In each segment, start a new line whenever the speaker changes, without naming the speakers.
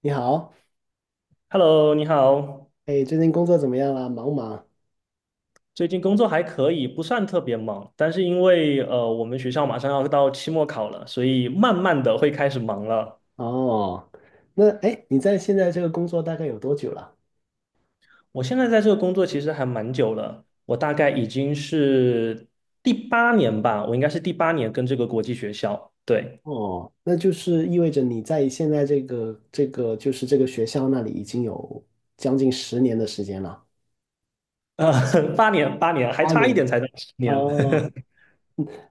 你好。
Hello，你好。
哎，最近工作怎么样啊？忙不忙？
最近工作还可以，不算特别忙，但是因为我们学校马上要到期末考了，所以慢慢的会开始忙了。
哦，那哎，你在现在这个工作大概有多久了？
我现在在这个工作其实还蛮久了，我大概已经是第八年吧，我应该是第八年跟这个国际学校，对，
哦，那就是意味着你在现在这个学校那里已经有将近10年的时间了。
呃，8年8年，还
八
差一
年。
点才到十年，
哦，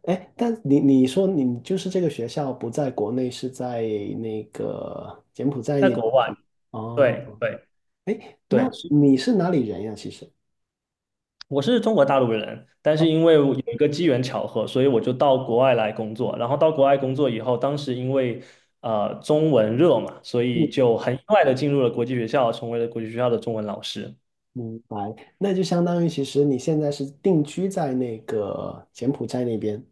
哎，但你说你就是这个学校不在国内，是在那个柬埔寨
在
那边
国
是
外，
吗？哦，
对对
哎，
对，
那你是哪里人呀？其实？
我是中国大陆人，但是
哦，
因为我有一个机缘巧合，所以我就到国外来工作。然后到国外工作以后，当时因为中文热嘛，所以就很意外的进入了国际学校，成为了国际学校的中文老师。
明白，那就相当于其实你现在是定居在那个柬埔寨那边。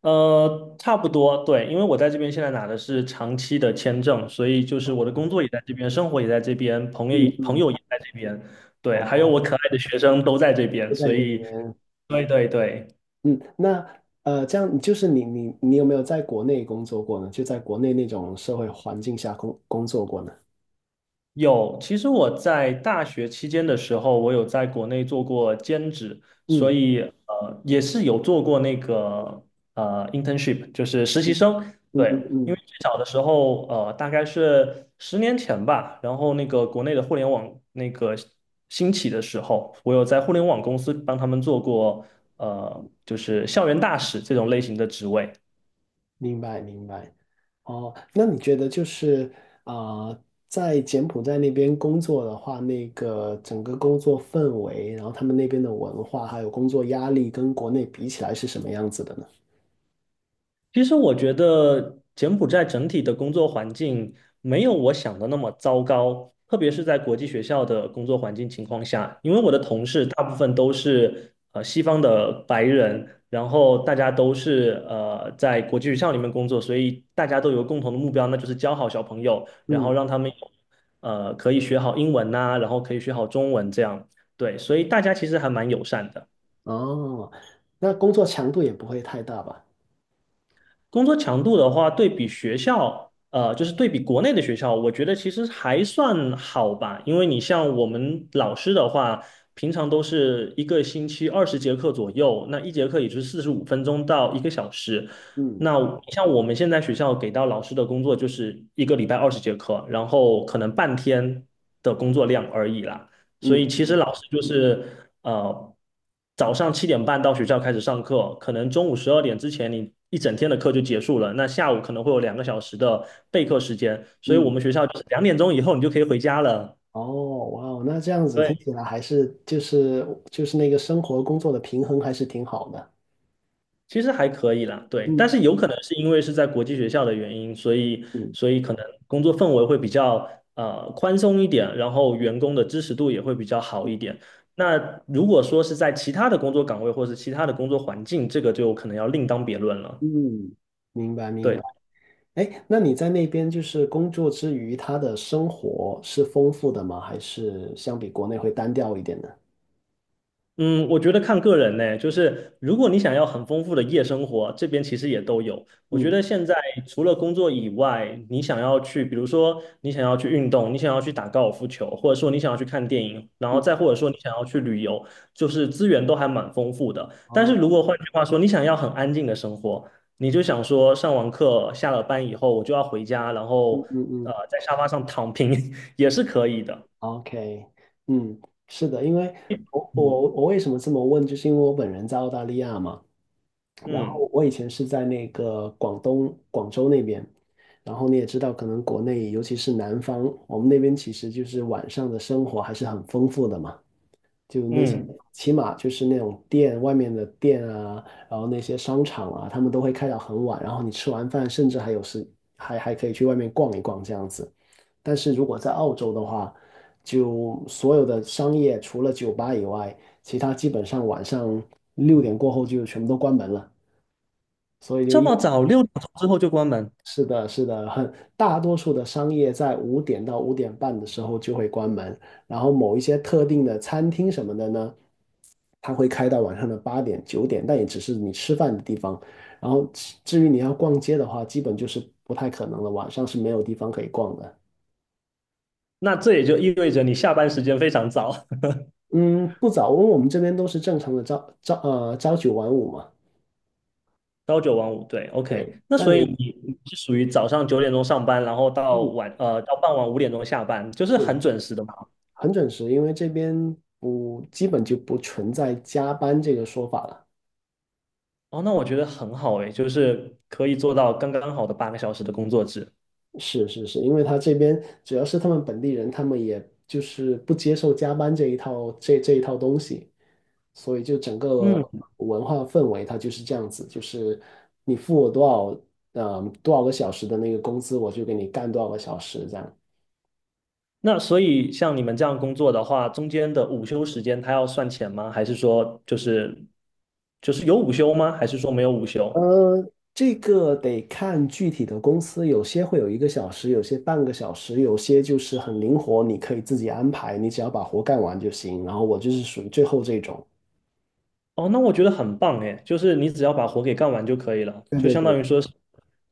差不多，对，因为我在这边现在拿的是长期的签证，所以就是我的工作也在这边，生活也在这边，朋友
嗯
朋
嗯。
友也在这边，对，还有我
哦，
可爱的学生都在这边，
都在
所
这
以
边。
对对对。
嗯，那,这样就是你有没有在国内工作过呢？就在国内那种社会环境下工作过呢？
有，其实我在大学期间的时候，我有在国内做过兼职，所
嗯
以也是有做过那个internship，就是实习生。
嗯
对，
嗯
因
嗯，
为最早的时候，大概是10年前吧，然后那个国内的互联网那个兴起的时候，我有在互联网公司帮他们做过就是校园大使这种类型的职位。
明白明白。哦，那你觉得就是啊、呃在柬埔寨那边工作的话，那个整个工作氛围，然后他们那边的文化，还有工作压力，跟国内比起来是什么样子的呢？
其实我觉得柬埔寨整体的工作环境没有我想的那么糟糕，特别是在国际学校的工作环境情况下，因为我的同事大部分都是西方的白人，然后大家都是在国际学校里面工作，所以大家都有共同的目标，那就是教好小朋友，然后
嗯，
让他们有可以学好英文呐、然后可以学好中文这样，对，所以大家其实还蛮友善的。
哦，那工作强度也不会太大吧？
工作强度的话，对比学校，就是对比国内的学校，我觉得其实还算好吧。因为你像我们老师的话，平常都是一个星期二十节课左右，那一节课也就是45分钟到一个小时。
嗯
那你像我们现在学校给到老师的工作，就是一个礼拜二十节课，然后可能半天的工作量而已啦。所以
嗯
其实老师就是呃，早上7:30到学校开始上课，可能中午12点之前你一整天的课就结束了，那下午可能会有2个小时的备课时间，所以我
嗯，
们学校就是2点钟以后你就可以回家了。
哦，哇哦，那这样子
对，
听起来还是就是那个生活工作的平衡还是挺好的。
其实还可以啦，对，但
嗯
是有可能是因为是在国际学校的原因，所以
嗯
所以可能工作氛围会比较宽松一点，然后员工的支持度也会比较好
嗯，
一点。那如果说是在其他的工作岗位或是其他的工作环境，这个就可能要另当别论了。
嗯，明白明白。
对。
哎，那你在那边就是工作之余，他的生活是丰富的吗？还是相比国内会单调一点呢？
嗯，我觉得看个人呢，就是如果你想要很丰富的夜生活，这边其实也都有。我觉
嗯
得现在除了工作以外，你想要去，比如说你想要去运动，你想要去打高尔夫球，或者说你想要去看电影，然后
嗯，
再或者说你想要去旅游，就是资源都还蛮丰富的。但是
哦，
如果换句话说，你想要很安静的生活，你就想说上完课下了班以后我就要回家，然
嗯
后
嗯嗯
在沙发上躺平 也是可以的。
，OK，嗯，是的，因为我我
嗯
我为什么这么问，就是因为我本人在澳大利亚嘛。然
嗯
后我以前是在那个广东广州那边，然后你也知道，可能国内尤其是南方，我们那边其实就是晚上的生活还是很丰富的嘛。就那些，
嗯。
起码就是那种店外面的店啊，然后那些商场啊，他们都会开到很晚，然后你吃完饭，甚至还有时还可以去外面逛一逛这样子。但是如果在澳洲的话，就所有的商业除了酒吧以外，其他基本上晚上6点过后就全部都关门了，所以就
这
一，
么早，6点钟之后就关门，
是的，是的，很大多数的商业在5点到5点半的时候就会关门，然后某一些特定的餐厅什么的呢。它会开到晚上的8点、9点，但也只是你吃饭的地方。然后至于你要逛街的话，基本就是不太可能了，晚上是没有地方可以逛的。
那这也就意味着你下班时间非常早，
嗯，不早，因为我们这边都是正常的朝9晚5嘛。
朝九晚五。对，OK。
对，
那
但你，
所以你是属于早上9点钟上班，然后
嗯，
到傍晚5点钟下班，就是
是的，
很准时的嘛。
很准时，因为这边不基本就不存在加班这个说法了。
哦，那我觉得很好诶，就是可以做到刚刚好的8个小时的工作制。
是是是，因为他这边主要是他们本地人，他们也就是不接受加班这一套东西。所以就整
嗯，
个文化氛围它就是这样子，就是你付我多少个小时的那个工资，我就给你干多少个小时这样。
那所以像你们这样工作的话，中间的午休时间他要算钱吗？还是说就是有午休吗？还是说没有午休？
呃，这个得看具体的公司，有些会有1个小时，有些半个小时，有些就是很灵活，你可以自己安排，你只要把活干完就行。然后我就是属于最后这种。
哦，那我觉得很棒诶，就是你只要把活给干完就可以了，
对
就
对
相
对。
当于说是，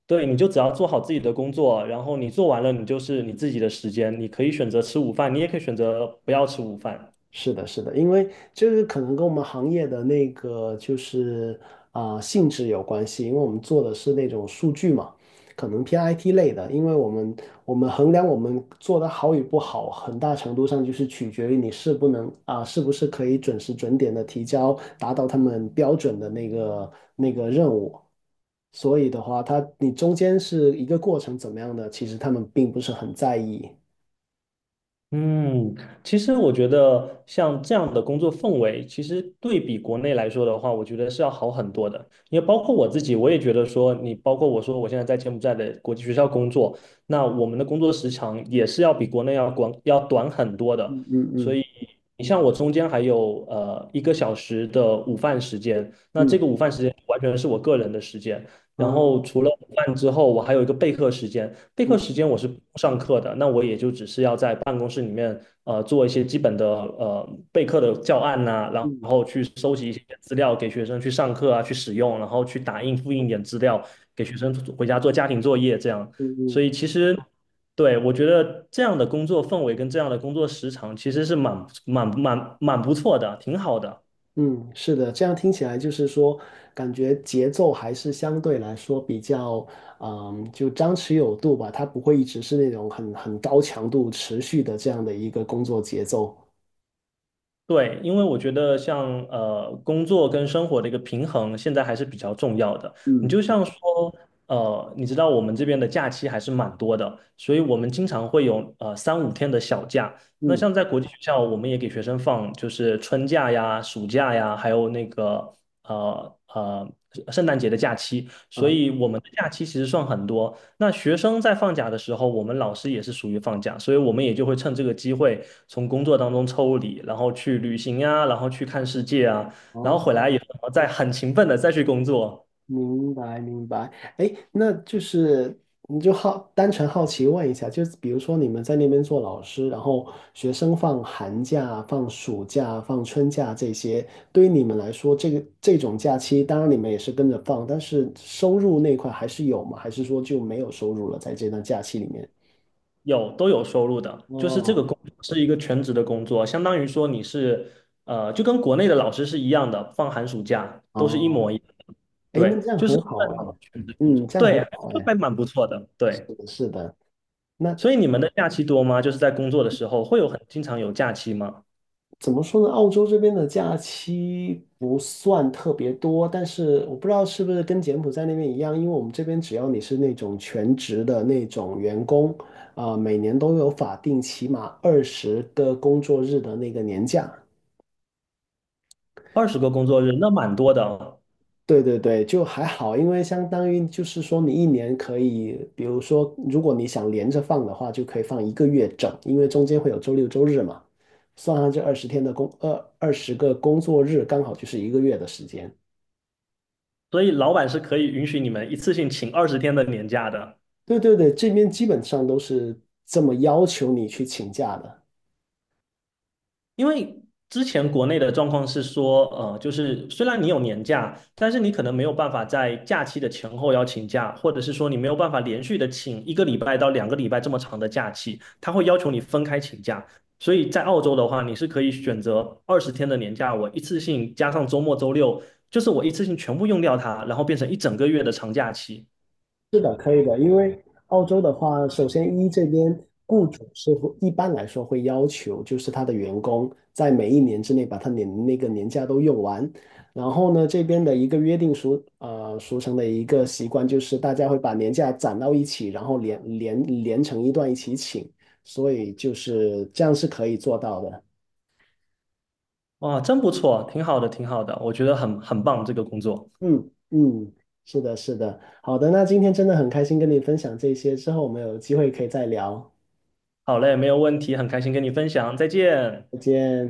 对，你就只要做好自己的工作，然后你做完了，你就是你自己的时间，你可以选择吃午饭，你也可以选择不要吃午饭。
是的，是的，因为这个可能跟我们行业的那个性质有关系，因为我们做的是那种数据嘛，可能偏 IT 类的，因为我们衡量我们做的好与不好，很大程度上就是取决于你是不能啊、是不是可以准时准点的提交，达到他们标准的那个任务。所以的话，它你中间是一个过程怎么样的，其实他们并不是很在意。
嗯，其实我觉得像这样的工作氛围，其实对比国内来说的话，我觉得是要好很多的。因为包括我自己，我也觉得说，你包括我说我现在在柬埔寨的国际学校工作，那我们的工作时长也是要比国内要广要短很多的。
嗯嗯
所
嗯
以。你像我中间还有一个小时的午饭时间，那这
嗯，
个午饭时间完全是我个人的时间。
啊，
然后除了午饭之后，我还有一个备课时间。备课
嗯
时间我是不上课的，那我也就只是要在办公室里面做一些基本的备课的教案呐、然
嗯。
后去收集一些资料给学生去上课啊，去使用，然后去打印复印点资料给学生回家做家庭作业这样。
嗯
所
嗯，
以其实。对，我觉得这样的工作氛围跟这样的工作时长其实是蛮不错的，挺好的。
嗯，是的，这样听起来就是说，感觉节奏还是相对来说比较，嗯，就张弛有度吧，它不会一直是那种很高强度持续的这样的一个工作节奏。
对，因为我觉得像工作跟生活的一个平衡，现在还是比较重要的。你
嗯
就像说你知道我们这边的假期还是蛮多的，所以我们经常会有三五天的小假。那
嗯，
像在国际学校，我们也给学生放就是春假呀、暑假呀，还有那个呃呃圣诞节的假期。
啊，
所以我们的假期其实算很多。那学生在放假的时候，我们老师也是属于放假，所以我们也就会趁这个机会从工作当中抽离，然后去旅行呀，然后去看世界啊，然后
哦。
回来以后再很勤奋的再去工作，
明白明白，哎，那就是你就好单纯好奇问一下，就是比如说你们在那边做老师，然后学生放寒假、放暑假、放春假这些，对于你们来说，这个这种假期，当然你们也是跟着放，但是收入那块还是有吗？还是说就没有收入了，在这段假期里面？
有都有收入的。就是这个
哦
工作是一个全职的工作，相当于说你是就跟国内的老师是一样的，放寒暑假都是一
哦，
模一样的。
哎，那这
对，
样
就是
很好哎，
全职工
嗯，
作，
这样很
对，还
好哎，
蛮不错的，
是
对。
的，是的。那，
所以你们的假期多吗？就是在工作的时候会有很经常有假期吗？
怎么说呢？澳洲这边的假期不算特别多，但是我不知道是不是跟柬埔寨那边一样，因为我们这边只要你是那种全职的那种员工，每年都有法定起码二十个工作日的那个年假。
20个工作日，那蛮多的哦。
对对对，就还好，因为相当于就是说，你一年可以，比如说，如果你想连着放的话，就可以放一个月整，因为中间会有周六周日嘛，算上这20天的工，二十个工作日，刚好就是一个月的时间。
所以老板是可以允许你们一次性请二十天的年假的。
对对对，这边基本上都是这么要求你去请假的。
因为之前国内的状况是说，就是虽然你有年假，但是你可能没有办法在假期的前后要请假，或者是说你没有办法连续的请一个礼拜到2个礼拜这么长的假期，他会要求你分开请假。所以在澳洲的话，你是可以选择二十天的年假，我一次性加上周末、周六，就是我一次性全部用掉它，然后变成一整个月的长假期。
是的，可以的，因为澳洲的话，首先一这边雇主是会一般来说会要求，就是他的员工在每一年之内把那个年假都用完。然后呢，这边的一个约定俗呃俗成的一个习惯就是大家会把年假攒到一起，然后连成一段一起请，所以就是这样是可以做到的。
哇，真不错，挺好的，挺好的，我觉得很棒这个工作。
嗯嗯，是的，是的，好的，那今天真的很开心跟你分享这些，之后我们有机会可以再聊，
好嘞，没有问题，很开心跟你分享，再见。
再见。